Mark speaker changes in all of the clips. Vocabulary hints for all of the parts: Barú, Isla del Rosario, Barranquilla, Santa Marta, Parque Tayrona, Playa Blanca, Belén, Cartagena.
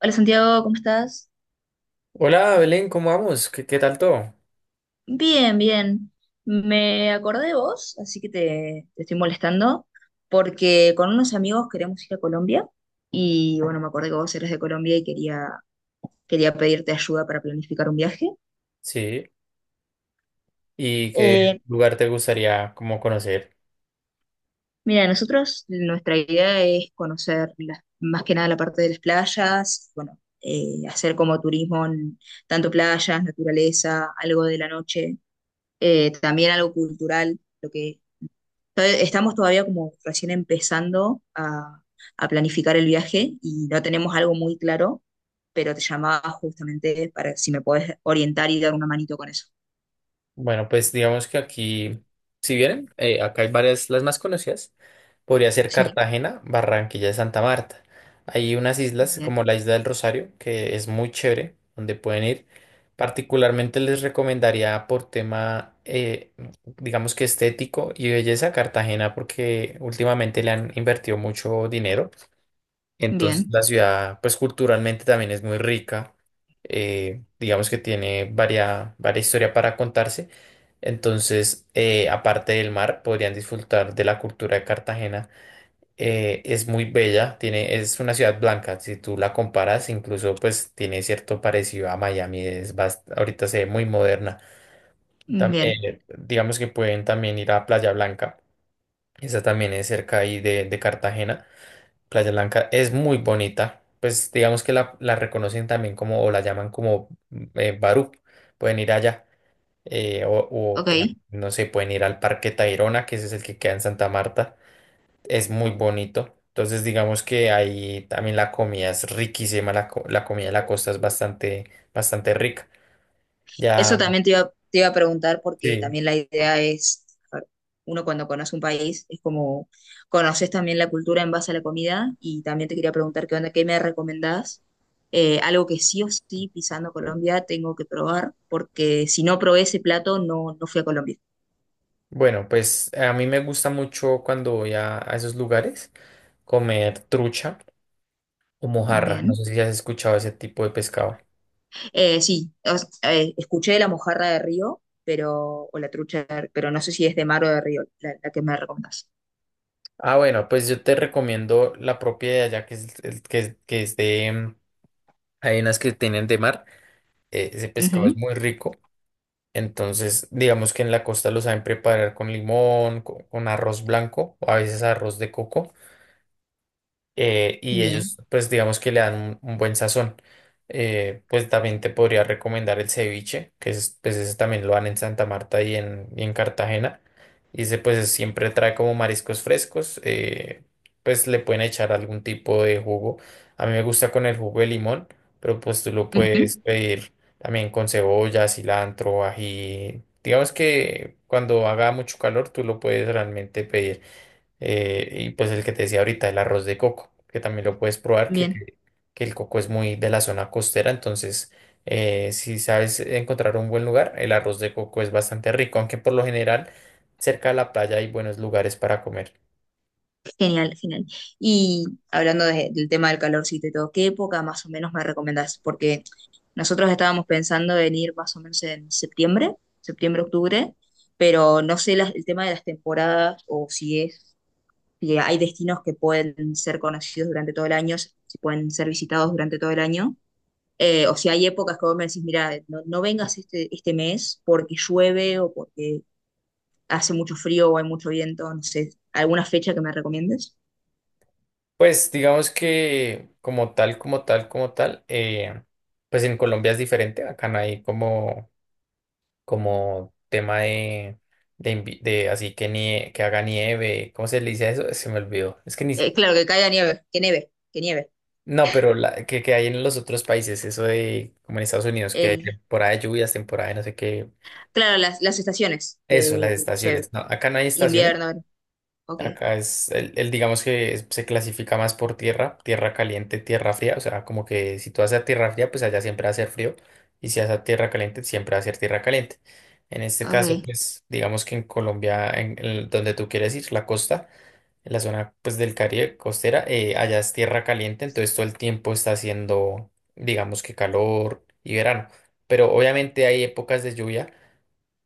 Speaker 1: Hola Santiago, ¿cómo estás?
Speaker 2: Hola Belén, ¿cómo vamos? ¿Qué tal todo?
Speaker 1: Bien, bien. Me acordé de vos, así que te estoy molestando, porque con unos amigos queremos ir a Colombia y bueno, me acordé que vos eres de Colombia y quería pedirte ayuda para planificar un viaje.
Speaker 2: Sí, ¿y qué
Speaker 1: Eh,
Speaker 2: lugar te gustaría como conocer?
Speaker 1: mira, nosotros nuestra idea es conocer más que nada la parte de las playas, bueno, hacer como turismo en tanto playas, naturaleza, algo de la noche, también algo cultural. Estamos todavía como recién empezando a planificar el viaje y no tenemos algo muy claro, pero te llamaba justamente para si me puedes orientar y dar una manito con eso.
Speaker 2: Bueno, pues digamos que aquí, si vienen, acá hay varias, las más conocidas, podría ser
Speaker 1: Sí,
Speaker 2: Cartagena, Barranquilla y Santa Marta. Hay unas islas
Speaker 1: bien,
Speaker 2: como la Isla del Rosario, que es muy chévere, donde pueden ir. Particularmente les recomendaría por tema, digamos que estético y belleza, Cartagena, porque últimamente le han invertido mucho dinero. Entonces
Speaker 1: bien,
Speaker 2: la ciudad, pues culturalmente también es muy rica, digamos que tiene varia historia para contarse. Entonces, aparte del mar, podrían disfrutar de la cultura de Cartagena. Es muy bella, tiene, es una ciudad blanca, si tú la comparas, incluso pues tiene cierto parecido a Miami, es ahorita se ve muy moderna.
Speaker 1: bien.
Speaker 2: Digamos que pueden también ir a Playa Blanca, esa también es cerca ahí de Cartagena. Playa Blanca es muy bonita. Pues digamos que la reconocen también como, o la llaman como Barú. Pueden ir allá. Pues,
Speaker 1: Ok.
Speaker 2: no sé, pueden ir al Parque Tayrona, que ese es el que queda en Santa Marta. Es muy bonito. Entonces, digamos que ahí también la comida es riquísima. La comida de la costa es bastante rica.
Speaker 1: Eso
Speaker 2: Ya,
Speaker 1: también te iba a preguntar porque
Speaker 2: sí.
Speaker 1: también la idea es, a ver, uno cuando conoce un país es como conoces también la cultura en base a la comida y también te quería preguntar qué onda, qué me recomendás. Algo que sí o sí pisando Colombia tengo que probar porque si no probé ese plato no fui a Colombia.
Speaker 2: Bueno, pues a mí me gusta mucho cuando voy a esos lugares, comer trucha o mojarra. No
Speaker 1: Bien.
Speaker 2: sé si has escuchado ese tipo de pescado.
Speaker 1: Sí, escuché de la mojarra de río, pero, o la trucha, pero no sé si es de mar o de río, la que me recomendás.
Speaker 2: Ah, bueno, pues yo te recomiendo la propia de allá, que es de... Hay unas que tienen de mar, ese pescado es
Speaker 1: Ujú.
Speaker 2: muy rico, entonces digamos que en la costa lo saben preparar con limón, con arroz blanco, o a veces arroz de coco, y ellos
Speaker 1: Bien.
Speaker 2: pues digamos que le dan un buen sazón. Pues también te podría recomendar el ceviche, pues ese también lo dan en Santa Marta y y en Cartagena. Y ese pues siempre trae como mariscos frescos, pues le pueden echar algún tipo de jugo. A mí me gusta con el jugo de limón, pero pues tú lo
Speaker 1: Ujú.
Speaker 2: puedes pedir también con cebolla, cilantro, ají. Digamos que cuando haga mucho calor tú lo puedes realmente pedir. Y pues el que te decía ahorita, el arroz de coco, que también lo puedes probar,
Speaker 1: Bien.
Speaker 2: que el coco es muy de la zona costera, entonces si sabes encontrar un buen lugar, el arroz de coco es bastante rico, aunque por lo general cerca de la playa hay buenos lugares para comer.
Speaker 1: Genial, genial. Y hablando del tema del calorcito y todo, ¿qué época más o menos me recomendás? Porque nosotros estábamos pensando en ir más o menos en septiembre, septiembre, octubre, pero no sé el tema de las temporadas o si es, si hay destinos que pueden ser conocidos durante todo el año, si pueden ser visitados durante todo el año, o si hay épocas que vos me decís, mira, no, no vengas este mes porque llueve o porque hace mucho frío o hay mucho viento, no sé, ¿alguna fecha que me recomiendes?
Speaker 2: Pues digamos que como tal, pues en Colombia es diferente, acá no hay como, como tema de... De, de así que que haga nieve, ¿cómo se le dice a eso? Se me olvidó. Es que ni,
Speaker 1: Claro, que caiga nieve, que nieve, que nieve.
Speaker 2: No, pero la, que hay en los otros países, eso de, como en Estados Unidos, que hay
Speaker 1: El,
Speaker 2: temporada de lluvias, temporada de no sé qué,
Speaker 1: claro, las estaciones
Speaker 2: eso, las
Speaker 1: de, no sé,
Speaker 2: estaciones. No, acá no hay estaciones,
Speaker 1: invierno. Ok,
Speaker 2: acá es, digamos que se clasifica más por tierra, tierra caliente, tierra fría, o sea, como que si tú vas a tierra fría, pues allá siempre va a ser frío, y si vas a tierra caliente, siempre va a ser tierra caliente. En este caso,
Speaker 1: ok,
Speaker 2: pues, digamos que en Colombia, en donde tú quieres ir, la costa en la zona pues del Caribe costera, allá es tierra caliente, entonces todo el tiempo está haciendo, digamos que calor y verano. Pero obviamente hay épocas de lluvia,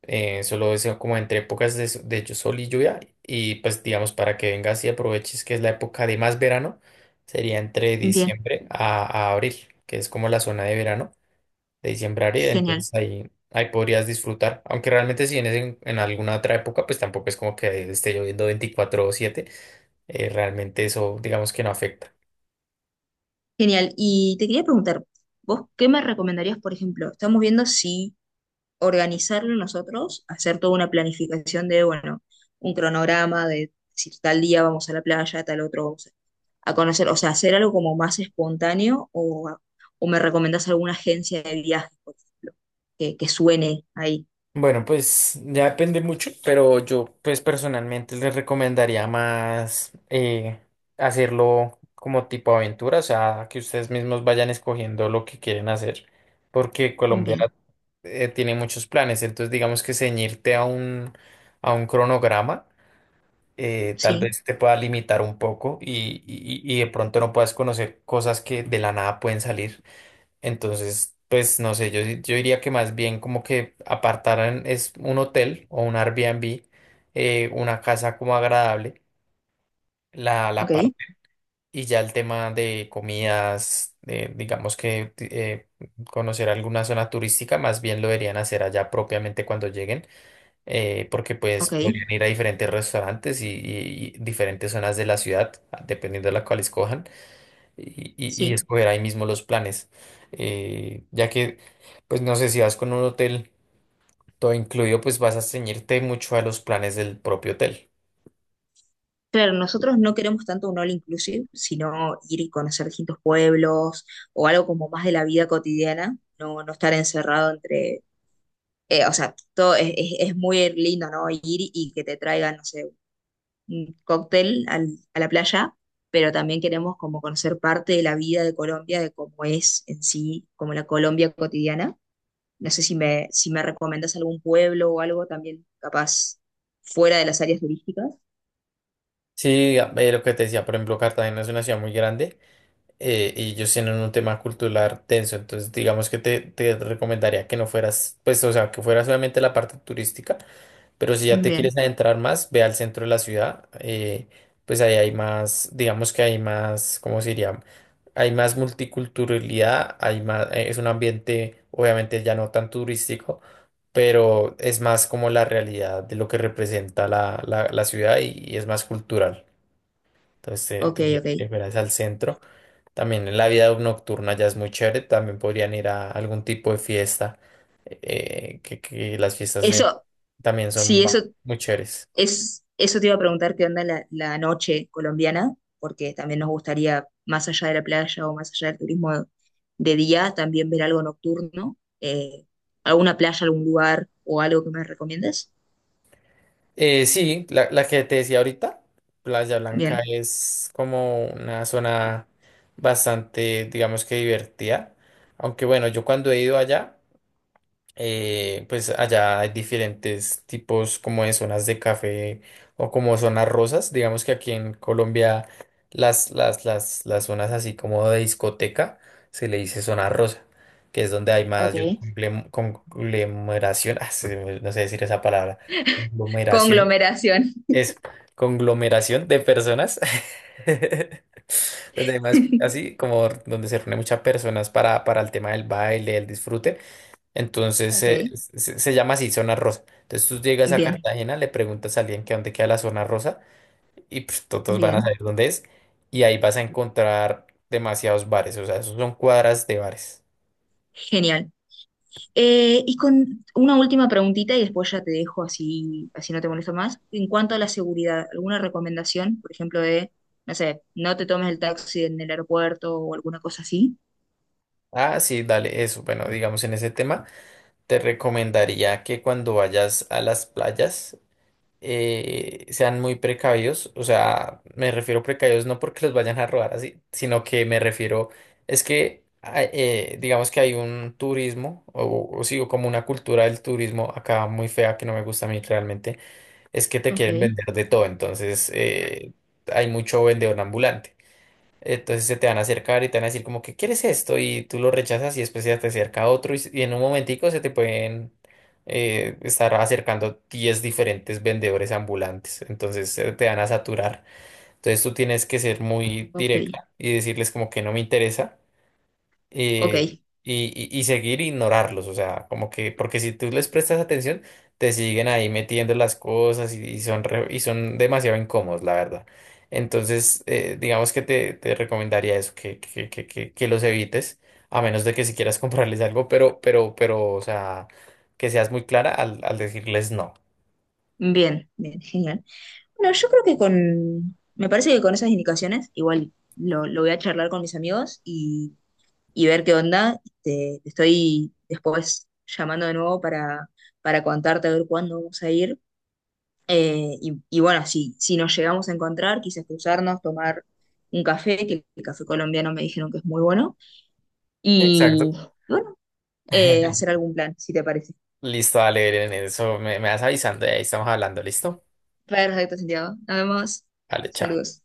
Speaker 2: solo es como entre épocas de, sol y lluvia, y pues digamos para que vengas y aproveches que es la época de más verano, sería entre
Speaker 1: bien,
Speaker 2: diciembre a abril, que es como la zona de verano de diciembre a,
Speaker 1: genial,
Speaker 2: entonces ahí podrías disfrutar. Aunque realmente si vienes en alguna otra época, pues tampoco es como que esté lloviendo 24/7. Realmente eso digamos que no afecta.
Speaker 1: genial. Y te quería preguntar, ¿vos qué me recomendarías, por ejemplo? Estamos viendo si organizarlo nosotros, hacer toda una planificación de, bueno, un cronograma de si tal día vamos a la playa, tal otro vamos a conocer, o sea, hacer algo como más espontáneo o me recomendás alguna agencia de viajes, por ejemplo, que suene ahí.
Speaker 2: Bueno, pues ya depende mucho, pero yo pues personalmente les recomendaría más, hacerlo como tipo aventura, o sea, que ustedes mismos vayan escogiendo lo que quieren hacer, porque Colombia,
Speaker 1: Bien.
Speaker 2: tiene muchos planes, entonces digamos que ceñirte a un cronograma, tal
Speaker 1: Sí,
Speaker 2: vez te pueda limitar un poco y, y de pronto no puedas conocer cosas que de la nada pueden salir. Entonces, pues no sé, yo diría que más bien como que apartaran es un hotel o un Airbnb, una casa como agradable, la
Speaker 1: ¿ok?
Speaker 2: parte, y ya el tema de comidas, digamos que conocer alguna zona turística, más bien lo deberían hacer allá propiamente cuando lleguen, porque pues
Speaker 1: Ok,
Speaker 2: podrían ir a diferentes restaurantes y, y diferentes zonas de la ciudad, dependiendo de la cual escojan, y, y
Speaker 1: sí.
Speaker 2: escoger ahí mismo los planes. Eh, ya que, pues no sé, si vas con un hotel todo incluido, pues vas a ceñirte mucho a los planes del propio hotel.
Speaker 1: Claro, nosotros no queremos tanto un all inclusive, sino ir y conocer distintos pueblos o algo como más de la vida cotidiana, no, no estar encerrado entre, o sea, todo es muy lindo, ¿no? Ir y que te traigan, no sé, un cóctel a la playa, pero también queremos como conocer parte de la vida de Colombia, de cómo es en sí, como la Colombia cotidiana. No sé si si me recomendas algún pueblo o algo también capaz fuera de las áreas turísticas.
Speaker 2: Sí, lo que te decía, por ejemplo, Cartagena es una ciudad muy grande, y ellos tienen un tema cultural tenso, entonces digamos que te recomendaría que no fueras, pues, o sea, que fuera solamente la parte turística. Pero si ya te quieres
Speaker 1: Bien,
Speaker 2: adentrar más, ve al centro de la ciudad, pues ahí hay más, digamos que hay más, ¿cómo se diría? Hay más multiculturalidad, hay más, es un ambiente obviamente ya no tan turístico, pero es más como la realidad de lo que representa la, la ciudad y es más cultural. Entonces
Speaker 1: ok,
Speaker 2: te diría
Speaker 1: ok.
Speaker 2: que fueras al centro. También en la vida nocturna ya es muy chévere, también podrían ir a algún tipo de fiesta, que las fiestas,
Speaker 1: Eso,
Speaker 2: también son
Speaker 1: sí, eso
Speaker 2: muy chéveres.
Speaker 1: es, eso te iba a preguntar qué onda la noche colombiana, porque también nos gustaría, más allá de la playa o más allá del turismo de día, también ver algo nocturno, alguna playa, algún lugar o algo que me recomiendes.
Speaker 2: Sí, la que te decía ahorita, Playa Blanca
Speaker 1: Bien.
Speaker 2: es como una zona bastante, digamos que divertida, aunque bueno, yo cuando he ido allá, pues allá hay diferentes tipos como de zonas de café o como zonas rosas. Digamos que aquí en Colombia las zonas así como de discoteca se le dice zona rosa, que es donde hay mayor
Speaker 1: Ok.
Speaker 2: conglomeración, ah, no sé decir esa palabra, conglomeración,
Speaker 1: Conglomeración.
Speaker 2: es conglomeración de personas. Donde hay más así como donde se reúnen muchas personas para el tema del baile, el disfrute. Entonces
Speaker 1: Ok.
Speaker 2: se llama así zona rosa. Entonces tú llegas a
Speaker 1: Bien,
Speaker 2: Cartagena, le preguntas a alguien que dónde queda la zona rosa y pues todos van a
Speaker 1: bien.
Speaker 2: saber dónde es, y ahí vas a encontrar demasiados bares, o sea, esos son cuadras de bares.
Speaker 1: Genial. Y con una última preguntita y después ya te dejo así, así no te molesto más. En cuanto a la seguridad, ¿alguna recomendación? Por ejemplo, de, no sé, no te tomes el taxi en el aeropuerto o alguna cosa así.
Speaker 2: Ah, sí, dale, eso. Bueno, digamos en ese tema, te recomendaría que cuando vayas a las playas sean muy precavidos, o sea, me refiero precavidos no porque los vayan a robar así, sino que me refiero, digamos que hay un turismo, o sí, o como una cultura del turismo acá muy fea que no me gusta a mí realmente, es que te
Speaker 1: Ok,
Speaker 2: quieren vender de todo, entonces hay mucho vendedor ambulante. Entonces se te van a acercar y te van a decir como que quieres esto y tú lo rechazas y después se te acerca otro y, y en un momentico se te pueden, estar acercando 10 diferentes vendedores ambulantes. Entonces se te van a saturar. Entonces tú tienes que ser muy
Speaker 1: ok,
Speaker 2: directa y decirles como que no me interesa, eh,
Speaker 1: ok.
Speaker 2: y seguir ignorarlos, o sea, como que, porque si tú les prestas atención, te siguen ahí metiendo las cosas y, y son demasiado incómodos, la verdad. Entonces, digamos que te recomendaría eso, que, que los evites, a menos de que si quieras comprarles algo, pero, o sea, que seas muy clara al decirles no.
Speaker 1: Bien, bien, genial. Bueno, yo creo que con, me parece que con esas indicaciones, igual lo voy a charlar con mis amigos y ver qué onda. Te estoy después llamando de nuevo para contarte a ver cuándo vamos a ir. Y bueno, si, si nos llegamos a encontrar, quizás cruzarnos, tomar un café, que el café colombiano me dijeron que es muy bueno, y
Speaker 2: Exacto.
Speaker 1: bueno, hacer algún plan, si te parece.
Speaker 2: Listo, dale, Belén, eso me vas avisando y ahí estamos hablando, ¿listo?
Speaker 1: Perfecto, Santiago. Nos vemos.
Speaker 2: Vale, chao.
Speaker 1: Saludos.